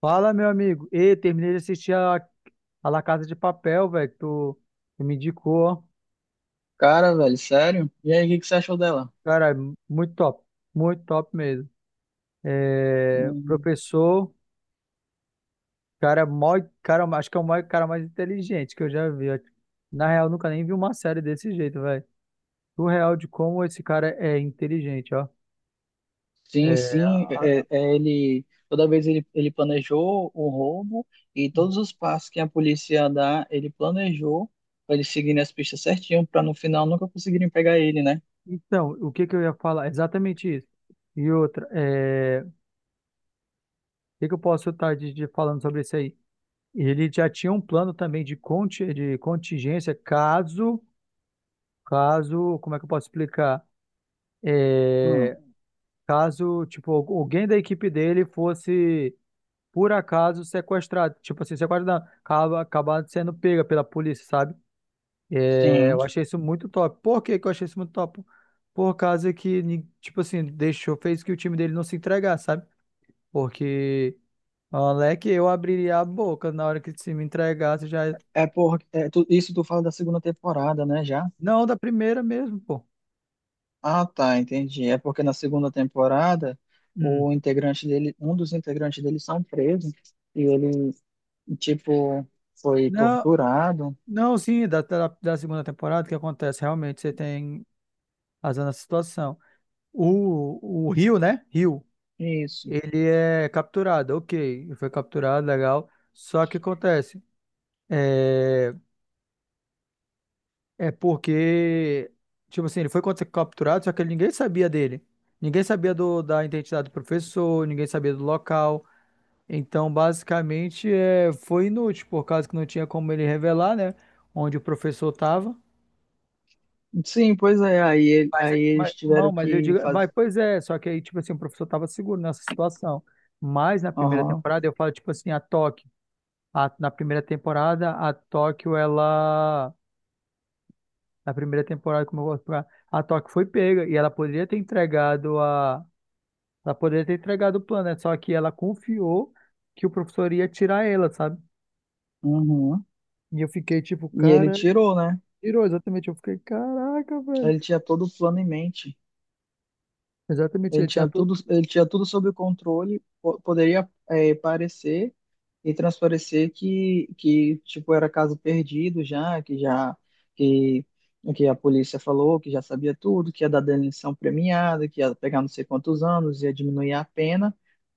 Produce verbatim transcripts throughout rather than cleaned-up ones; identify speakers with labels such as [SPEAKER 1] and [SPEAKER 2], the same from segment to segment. [SPEAKER 1] Fala, meu amigo. Ei, terminei de assistir a, a La Casa de Papel, velho, que tu, tu me indicou, ó.
[SPEAKER 2] Cara, velho, sério? E aí, o que que você achou dela?
[SPEAKER 1] Cara, muito top. Muito top mesmo. É,
[SPEAKER 2] Hum,
[SPEAKER 1] professor, cara, mó, cara, acho que é o maior cara mais inteligente que eu já vi, ó. Na real, nunca nem vi uma série desse jeito, velho. O real de como esse cara é inteligente, ó.
[SPEAKER 2] sim,
[SPEAKER 1] É,
[SPEAKER 2] sim,
[SPEAKER 1] a-
[SPEAKER 2] é, é, ele toda vez ele, ele planejou o roubo e todos os passos que a polícia dá, ele planejou para eles seguirem as pistas certinho para no final nunca conseguirem pegar ele, né?
[SPEAKER 1] então, o que que eu ia falar? Exatamente isso. E outra, é, o que que eu posso estar de, de falando sobre isso aí? Ele já tinha um plano também de, conti- de contingência caso, caso, como é que eu posso explicar?
[SPEAKER 2] Hum,
[SPEAKER 1] É, Caso, tipo, al- alguém da equipe dele fosse, por acaso, sequestrado. Tipo assim, sequestrado, acaba, acabar sendo pega pela polícia, sabe? É,
[SPEAKER 2] sim.
[SPEAKER 1] eu achei isso muito top. Por que que eu achei isso muito top? Por causa que, ni- tipo assim, deixou, fez que o time dele não se entregasse, sabe? Porque, moleque, eu abriria a boca na hora que se me entregasse, já.
[SPEAKER 2] É por, é, tu- isso tu fala da segunda temporada, né, já?
[SPEAKER 1] Não, da primeira mesmo, pô.
[SPEAKER 2] Ah, tá, entendi. É porque na segunda temporada,
[SPEAKER 1] Hum.
[SPEAKER 2] o integrante dele, um dos integrantes dele são presos e ele, tipo, foi
[SPEAKER 1] Não,
[SPEAKER 2] torturado.
[SPEAKER 1] não, sim, da, da, da segunda temporada, o que acontece? Realmente você tem razão na situação. O, o Rio, né? Rio,
[SPEAKER 2] Isso.
[SPEAKER 1] ele é capturado, ok. Ele foi capturado, legal. Só que acontece? É, é porque, tipo assim, ele foi capturado, só que ninguém sabia dele. Ninguém sabia do, da identidade do professor, ninguém sabia do local. Então, basicamente, é, foi inútil, por causa que não tinha como ele revelar, né? Onde o professor estava.
[SPEAKER 2] Sim, pois é. Aí, ele-
[SPEAKER 1] Mas,
[SPEAKER 2] aí
[SPEAKER 1] eh, mas,
[SPEAKER 2] eles tiveram
[SPEAKER 1] não, mas eu
[SPEAKER 2] que
[SPEAKER 1] digo, vai,
[SPEAKER 2] fazer.
[SPEAKER 1] pois é, só que aí, tipo assim, o professor estava seguro nessa situação. Mas na primeira
[SPEAKER 2] Aham,
[SPEAKER 1] temporada, eu falo, tipo assim, a Tóquio. A- na primeira temporada, a Tóquio, ela. Na primeira temporada, como eu gosto de falar, a Tóquio foi pega e ela poderia ter entregado a. Ela poderia ter entregado o plano, né? Só que ela confiou que o professor ia tirar ela, sabe?
[SPEAKER 2] uhum.
[SPEAKER 1] E eu fiquei tipo,
[SPEAKER 2] E ele
[SPEAKER 1] cara.
[SPEAKER 2] tirou, né?
[SPEAKER 1] Tirou, exatamente. Eu fiquei, caraca, velho.
[SPEAKER 2] Ele tinha todo o plano em mente.
[SPEAKER 1] Exatamente,
[SPEAKER 2] Ele
[SPEAKER 1] ele tinha
[SPEAKER 2] tinha
[SPEAKER 1] tudo.
[SPEAKER 2] tudo, ele tinha tudo sob controle. po- Poderia, eh, parecer e transparecer que, que tipo era caso perdido já, que já que, que a polícia falou que já sabia tudo, que ia dar delação premiada, que ia pegar não sei quantos anos, ia diminuir a pena.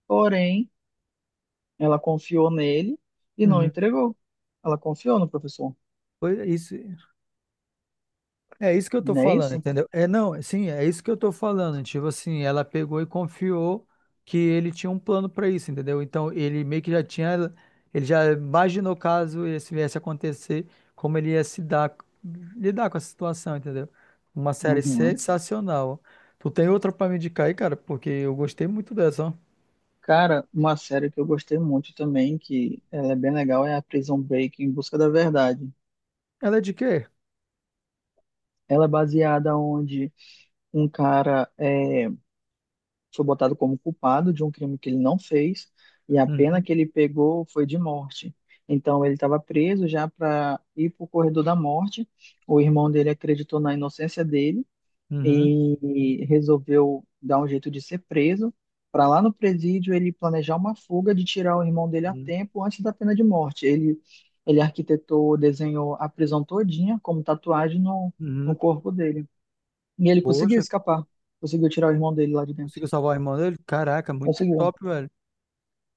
[SPEAKER 2] Porém, ela confiou nele e não
[SPEAKER 1] Uhum.
[SPEAKER 2] entregou. Ela confiou no professor.
[SPEAKER 1] Foi isso. É isso que eu tô
[SPEAKER 2] Não é
[SPEAKER 1] falando,
[SPEAKER 2] isso?
[SPEAKER 1] entendeu? É, não, sim, é isso que eu tô falando. Tipo assim, ela pegou e confiou que ele tinha um plano pra isso, entendeu? Então, ele meio que já tinha, ele já imaginou caso isso viesse a acontecer, como ele ia se dar, lidar com a situação, entendeu? Uma série
[SPEAKER 2] Uhum.
[SPEAKER 1] sensacional. Tu tem outra pra me indicar aí, cara? Porque eu gostei muito dessa, ó.
[SPEAKER 2] Cara, uma série que eu gostei muito também, que ela é bem legal, é a Prison Break, Em Busca da Verdade.
[SPEAKER 1] Ela é de quê?
[SPEAKER 2] Ela é baseada onde um cara é, foi botado como culpado de um crime que ele não fez e a pena
[SPEAKER 1] Uhum,
[SPEAKER 2] que ele pegou foi de morte. Então ele estava preso já para ir para o corredor da morte. O irmão dele acreditou na inocência dele
[SPEAKER 1] uhum,
[SPEAKER 2] e resolveu dar um jeito de ser preso. Para lá no presídio ele planejar uma fuga de tirar o irmão dele a
[SPEAKER 1] uhum.
[SPEAKER 2] tempo antes da pena de morte. Ele ele arquitetou, desenhou a prisão todinha como tatuagem no, no
[SPEAKER 1] Uhum.
[SPEAKER 2] corpo dele. E ele conseguiu
[SPEAKER 1] Poxa,
[SPEAKER 2] escapar, conseguiu tirar o irmão dele lá de dentro.
[SPEAKER 1] conseguiu salvar o irmão dele? Caraca, muito
[SPEAKER 2] Conseguiu.
[SPEAKER 1] top, velho.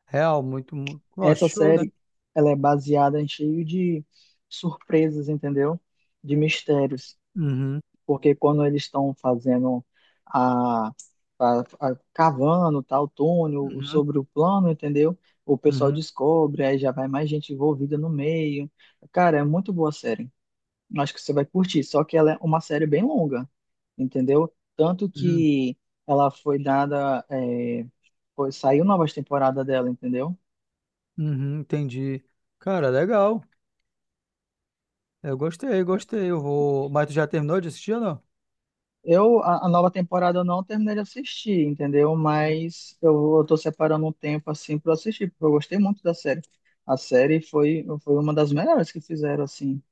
[SPEAKER 1] Real, muito, muito. Ó,
[SPEAKER 2] Essa
[SPEAKER 1] show, né?
[SPEAKER 2] série, ela é baseada em cheio de surpresas, entendeu? De mistérios,
[SPEAKER 1] Uhum,
[SPEAKER 2] porque quando eles estão fazendo a, a, a- cavando tal túnel o-
[SPEAKER 1] uhum,
[SPEAKER 2] sobre o plano, entendeu? O pessoal
[SPEAKER 1] uhum,
[SPEAKER 2] descobre, aí já vai mais gente envolvida no meio. Cara, é muito boa a série. Acho que você vai curtir, só que ela é uma série bem longa, entendeu? Tanto
[SPEAKER 1] uhum,
[SPEAKER 2] que ela foi dada, é, foi- saiu novas temporadas dela, entendeu?
[SPEAKER 1] uhum, entendi. Cara, legal. Eu gostei, gostei. Eu vou. Mas tu já terminou de assistir ou não?
[SPEAKER 2] Eu, a, a nova temporada eu não terminei de assistir, entendeu?
[SPEAKER 1] Uhum.
[SPEAKER 2] Mas eu, eu tô separando um tempo assim para assistir, porque eu gostei muito da série. A série foi, foi uma das melhores que fizeram, assim,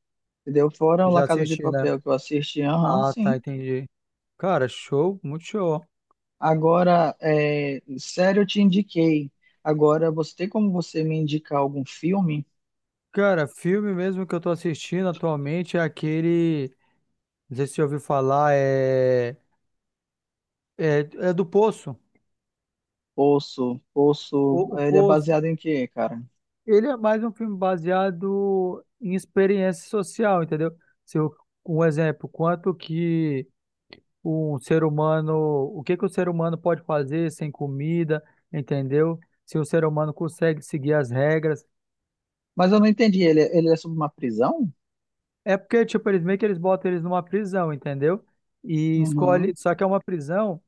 [SPEAKER 2] entendeu? Fora
[SPEAKER 1] Tu
[SPEAKER 2] o La
[SPEAKER 1] já
[SPEAKER 2] Casa de
[SPEAKER 1] assisti, né?
[SPEAKER 2] Papel que eu assisti, aham,
[SPEAKER 1] Ah, tá,
[SPEAKER 2] sim.
[SPEAKER 1] entendi. Cara, show, muito show.
[SPEAKER 2] Agora, é, série eu te indiquei. Agora, você tem como você me indicar algum filme?
[SPEAKER 1] Cara, filme mesmo que eu tô assistindo atualmente é aquele. Não sei se você ouviu falar, é. É, é do Poço.
[SPEAKER 2] Poço, Poço,
[SPEAKER 1] O, o
[SPEAKER 2] ele é
[SPEAKER 1] Poço.
[SPEAKER 2] baseado em quê, cara?
[SPEAKER 1] Ele é mais um filme baseado em experiência social, entendeu? Se eu, um exemplo, quanto que. Um ser humano, o que que o ser humano pode fazer sem comida, entendeu? Se o ser humano consegue seguir as regras.
[SPEAKER 2] Mas eu não entendi, ele, é, ele é sobre uma prisão?
[SPEAKER 1] É porque, tipo, eles meio que eles botam eles numa prisão, entendeu? E
[SPEAKER 2] Uhum,
[SPEAKER 1] escolhe, só que é uma prisão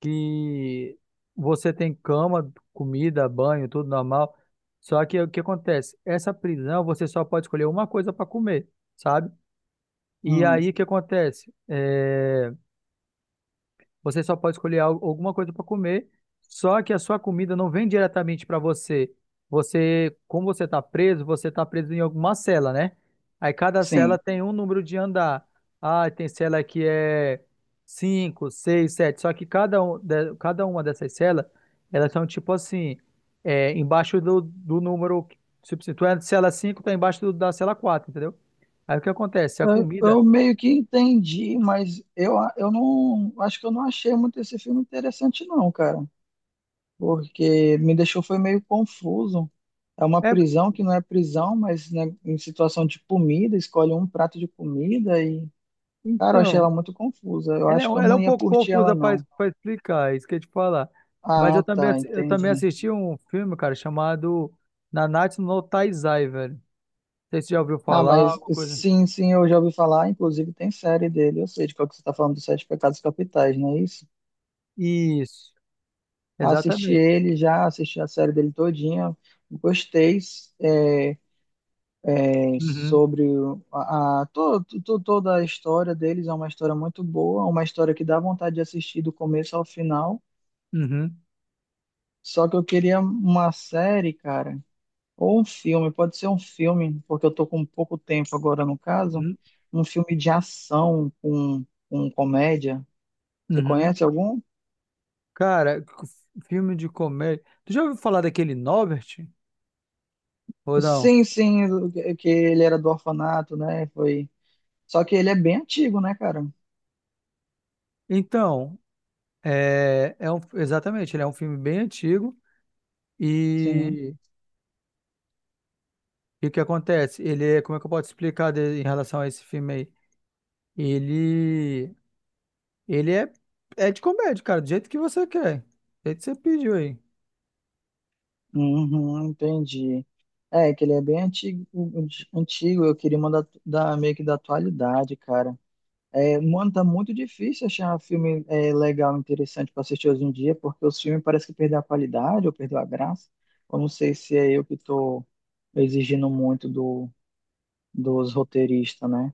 [SPEAKER 1] que você tem cama, comida, banho, tudo normal. Só que o que acontece? Essa prisão você só pode escolher uma coisa para comer, sabe? E
[SPEAKER 2] uhum,
[SPEAKER 1] aí o que acontece? É... Você só pode escolher al- alguma coisa para comer, só que a sua comida não vem diretamente para você. Você, como você está preso, você está preso em alguma cela, né? Aí cada cela
[SPEAKER 2] sim.
[SPEAKER 1] tem um número de andar. Ah, tem cela que é cinco, seis, sete. Só que cada, um, de- cada uma dessas celas, elas são tipo assim, é, embaixo do, do número. Se tu é de cela cinco, tá embaixo do- da cela quatro, entendeu? Aí o que acontece? A comida.
[SPEAKER 2] Eu meio que entendi, mas eu, eu não acho que eu não achei muito esse filme interessante, não, cara. Porque me deixou foi meio confuso. É uma
[SPEAKER 1] É,
[SPEAKER 2] prisão que não é prisão, mas né, em situação de comida, escolhe um prato de comida e, cara, eu achei
[SPEAKER 1] então.
[SPEAKER 2] ela muito confusa. Eu
[SPEAKER 1] Ela é,
[SPEAKER 2] acho que
[SPEAKER 1] um-
[SPEAKER 2] eu
[SPEAKER 1] ela é
[SPEAKER 2] não
[SPEAKER 1] um
[SPEAKER 2] ia
[SPEAKER 1] pouco
[SPEAKER 2] curtir ela,
[SPEAKER 1] confusa para
[SPEAKER 2] não.
[SPEAKER 1] explicar, é isso que eu ia te falar. Mas eu
[SPEAKER 2] Ah,
[SPEAKER 1] também,
[SPEAKER 2] tá,
[SPEAKER 1] assi- eu também
[SPEAKER 2] entendi.
[SPEAKER 1] assisti um filme, cara, chamado Nanatsu no Taizai, velho. Não sei se você já ouviu
[SPEAKER 2] Ah,
[SPEAKER 1] falar,
[SPEAKER 2] mas
[SPEAKER 1] alguma coisa.
[SPEAKER 2] sim, sim, eu já ouvi falar, inclusive tem série dele, eu sei de qual que você está falando dos Sete Pecados Capitais, não é isso?
[SPEAKER 1] Isso,
[SPEAKER 2] Assisti
[SPEAKER 1] exatamente.
[SPEAKER 2] ele já, assisti a série dele todinha. Gostei é, é,
[SPEAKER 1] Uhum,
[SPEAKER 2] sobre o- a, a- to- to- toda a história deles. É uma história muito boa, uma história que dá vontade de assistir do começo ao final.
[SPEAKER 1] uhum,
[SPEAKER 2] Só que eu queria uma série, cara, ou um filme, pode ser um filme, porque eu tô com pouco tempo agora no caso.
[SPEAKER 1] uhum,
[SPEAKER 2] Um filme de ação com, com comédia. Você
[SPEAKER 1] uhum.
[SPEAKER 2] conhece algum?
[SPEAKER 1] Cara, c- filme de comédia. Tu já ouviu falar daquele Norbert? Ou não?
[SPEAKER 2] Sim, sim, que que ele era do orfanato, né? Foi. Só que ele é bem antigo, né, cara?
[SPEAKER 1] Então, é, é um, exatamente, ele é um filme bem antigo
[SPEAKER 2] Sim.
[SPEAKER 1] e, e o que acontece? Ele é, como é que eu posso explicar de- em relação a esse filme aí? Ele, ele é, é de comédia, cara, do jeito que você quer. Do jeito que você pediu aí.
[SPEAKER 2] Uhum, entendi. É, que ele é bem antigo, antigo. Eu queria mandar da, meio que da atualidade, cara. É, mano, tá muito difícil achar um filme é, legal, interessante pra assistir hoje em dia, porque os filmes parece que perderam a qualidade ou perdeu a graça. Eu não sei se é eu que tô exigindo muito do, dos roteiristas, né?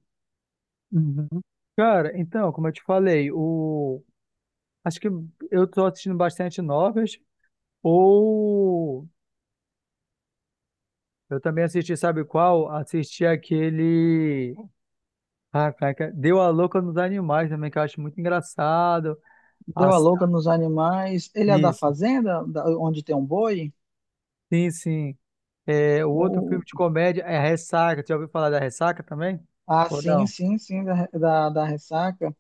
[SPEAKER 1] Uhum. Cara, então, como eu te falei, o... acho que eu tô assistindo bastante novas, ou eu também assisti, sabe qual? Assisti aquele... Ah, cara, que- Deu a Louca nos Animais também, que eu acho muito engraçado.
[SPEAKER 2] Deu a
[SPEAKER 1] As-
[SPEAKER 2] louca nos animais. Ele é da
[SPEAKER 1] Isso,
[SPEAKER 2] fazenda, da- onde tem um boi?
[SPEAKER 1] sim, sim. É, o outro filme de comédia é Ressaca, tu já ouviu falar da Ressaca também?
[SPEAKER 2] Ah,
[SPEAKER 1] Ou
[SPEAKER 2] sim,
[SPEAKER 1] não?
[SPEAKER 2] sim, sim, da, da, da ressaca.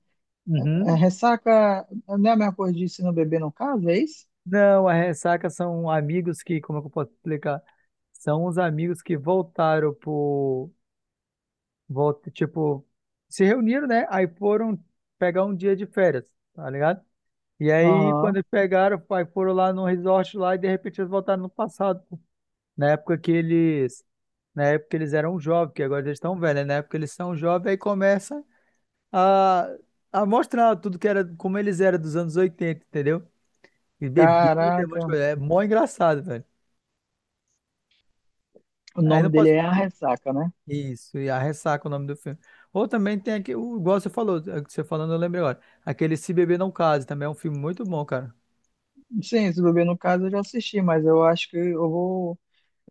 [SPEAKER 2] É,
[SPEAKER 1] Uhum.
[SPEAKER 2] ressaca não é a mesma coisa de se não beber no caso, é isso?
[SPEAKER 1] Não, a ressaca são amigos que, como é que eu posso explicar? São os amigos que voltaram pro, volta, tipo, se reuniram, né? Aí foram pegar um dia de férias, tá ligado? E aí, quando
[SPEAKER 2] Aham.
[SPEAKER 1] eles pegaram, aí foram lá no resort lá e de repente eles voltaram no passado, pô. Na época que eles, na época eles eram jovens, que agora eles estão velhos, né? Na época eles são jovens, aí começa a, a mostrar tudo que era, como eles eram dos anos oitenta, entendeu? E bebida, um monte de
[SPEAKER 2] Caraca,
[SPEAKER 1] coisa. É mó engraçado, velho.
[SPEAKER 2] o
[SPEAKER 1] Aí não
[SPEAKER 2] nome dele
[SPEAKER 1] posso.
[SPEAKER 2] é A Ressaca, né?
[SPEAKER 1] Isso, e a ressaca é o nome do filme. Ou também tem aqui, o- igual você falou, é que você falando, eu lembrei agora. Aquele Se Beber Não Case também é um filme muito bom, cara.
[SPEAKER 2] Sim, se beber no caso eu já assisti, mas eu acho que eu vou,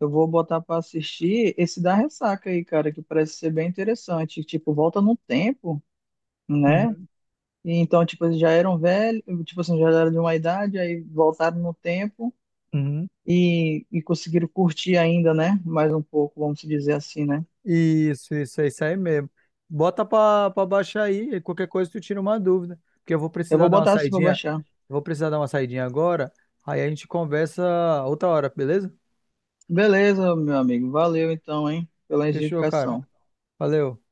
[SPEAKER 2] eu vou botar pra assistir esse da Ressaca aí, cara, que parece ser bem interessante. Tipo, volta no tempo, né?
[SPEAKER 1] Uhum,
[SPEAKER 2] E então, tipo, eles já eram velhos, tipo assim, já eram de uma idade, aí voltaram no tempo.
[SPEAKER 1] uhum.
[SPEAKER 2] E, e conseguiram curtir ainda, né? Mais um pouco, vamos dizer assim, né?
[SPEAKER 1] Isso, isso, é isso aí mesmo. Bota pra, pra baixar aí, e qualquer coisa tu tira uma dúvida. Porque eu vou
[SPEAKER 2] Eu
[SPEAKER 1] precisar
[SPEAKER 2] vou
[SPEAKER 1] dar uma
[SPEAKER 2] botar assim para
[SPEAKER 1] saidinha.
[SPEAKER 2] baixar.
[SPEAKER 1] Eu vou precisar dar uma saidinha agora. Aí a gente conversa outra hora, beleza?
[SPEAKER 2] Beleza, meu amigo. Valeu então, hein, pela
[SPEAKER 1] Fechou, cara.
[SPEAKER 2] indicação.
[SPEAKER 1] Valeu.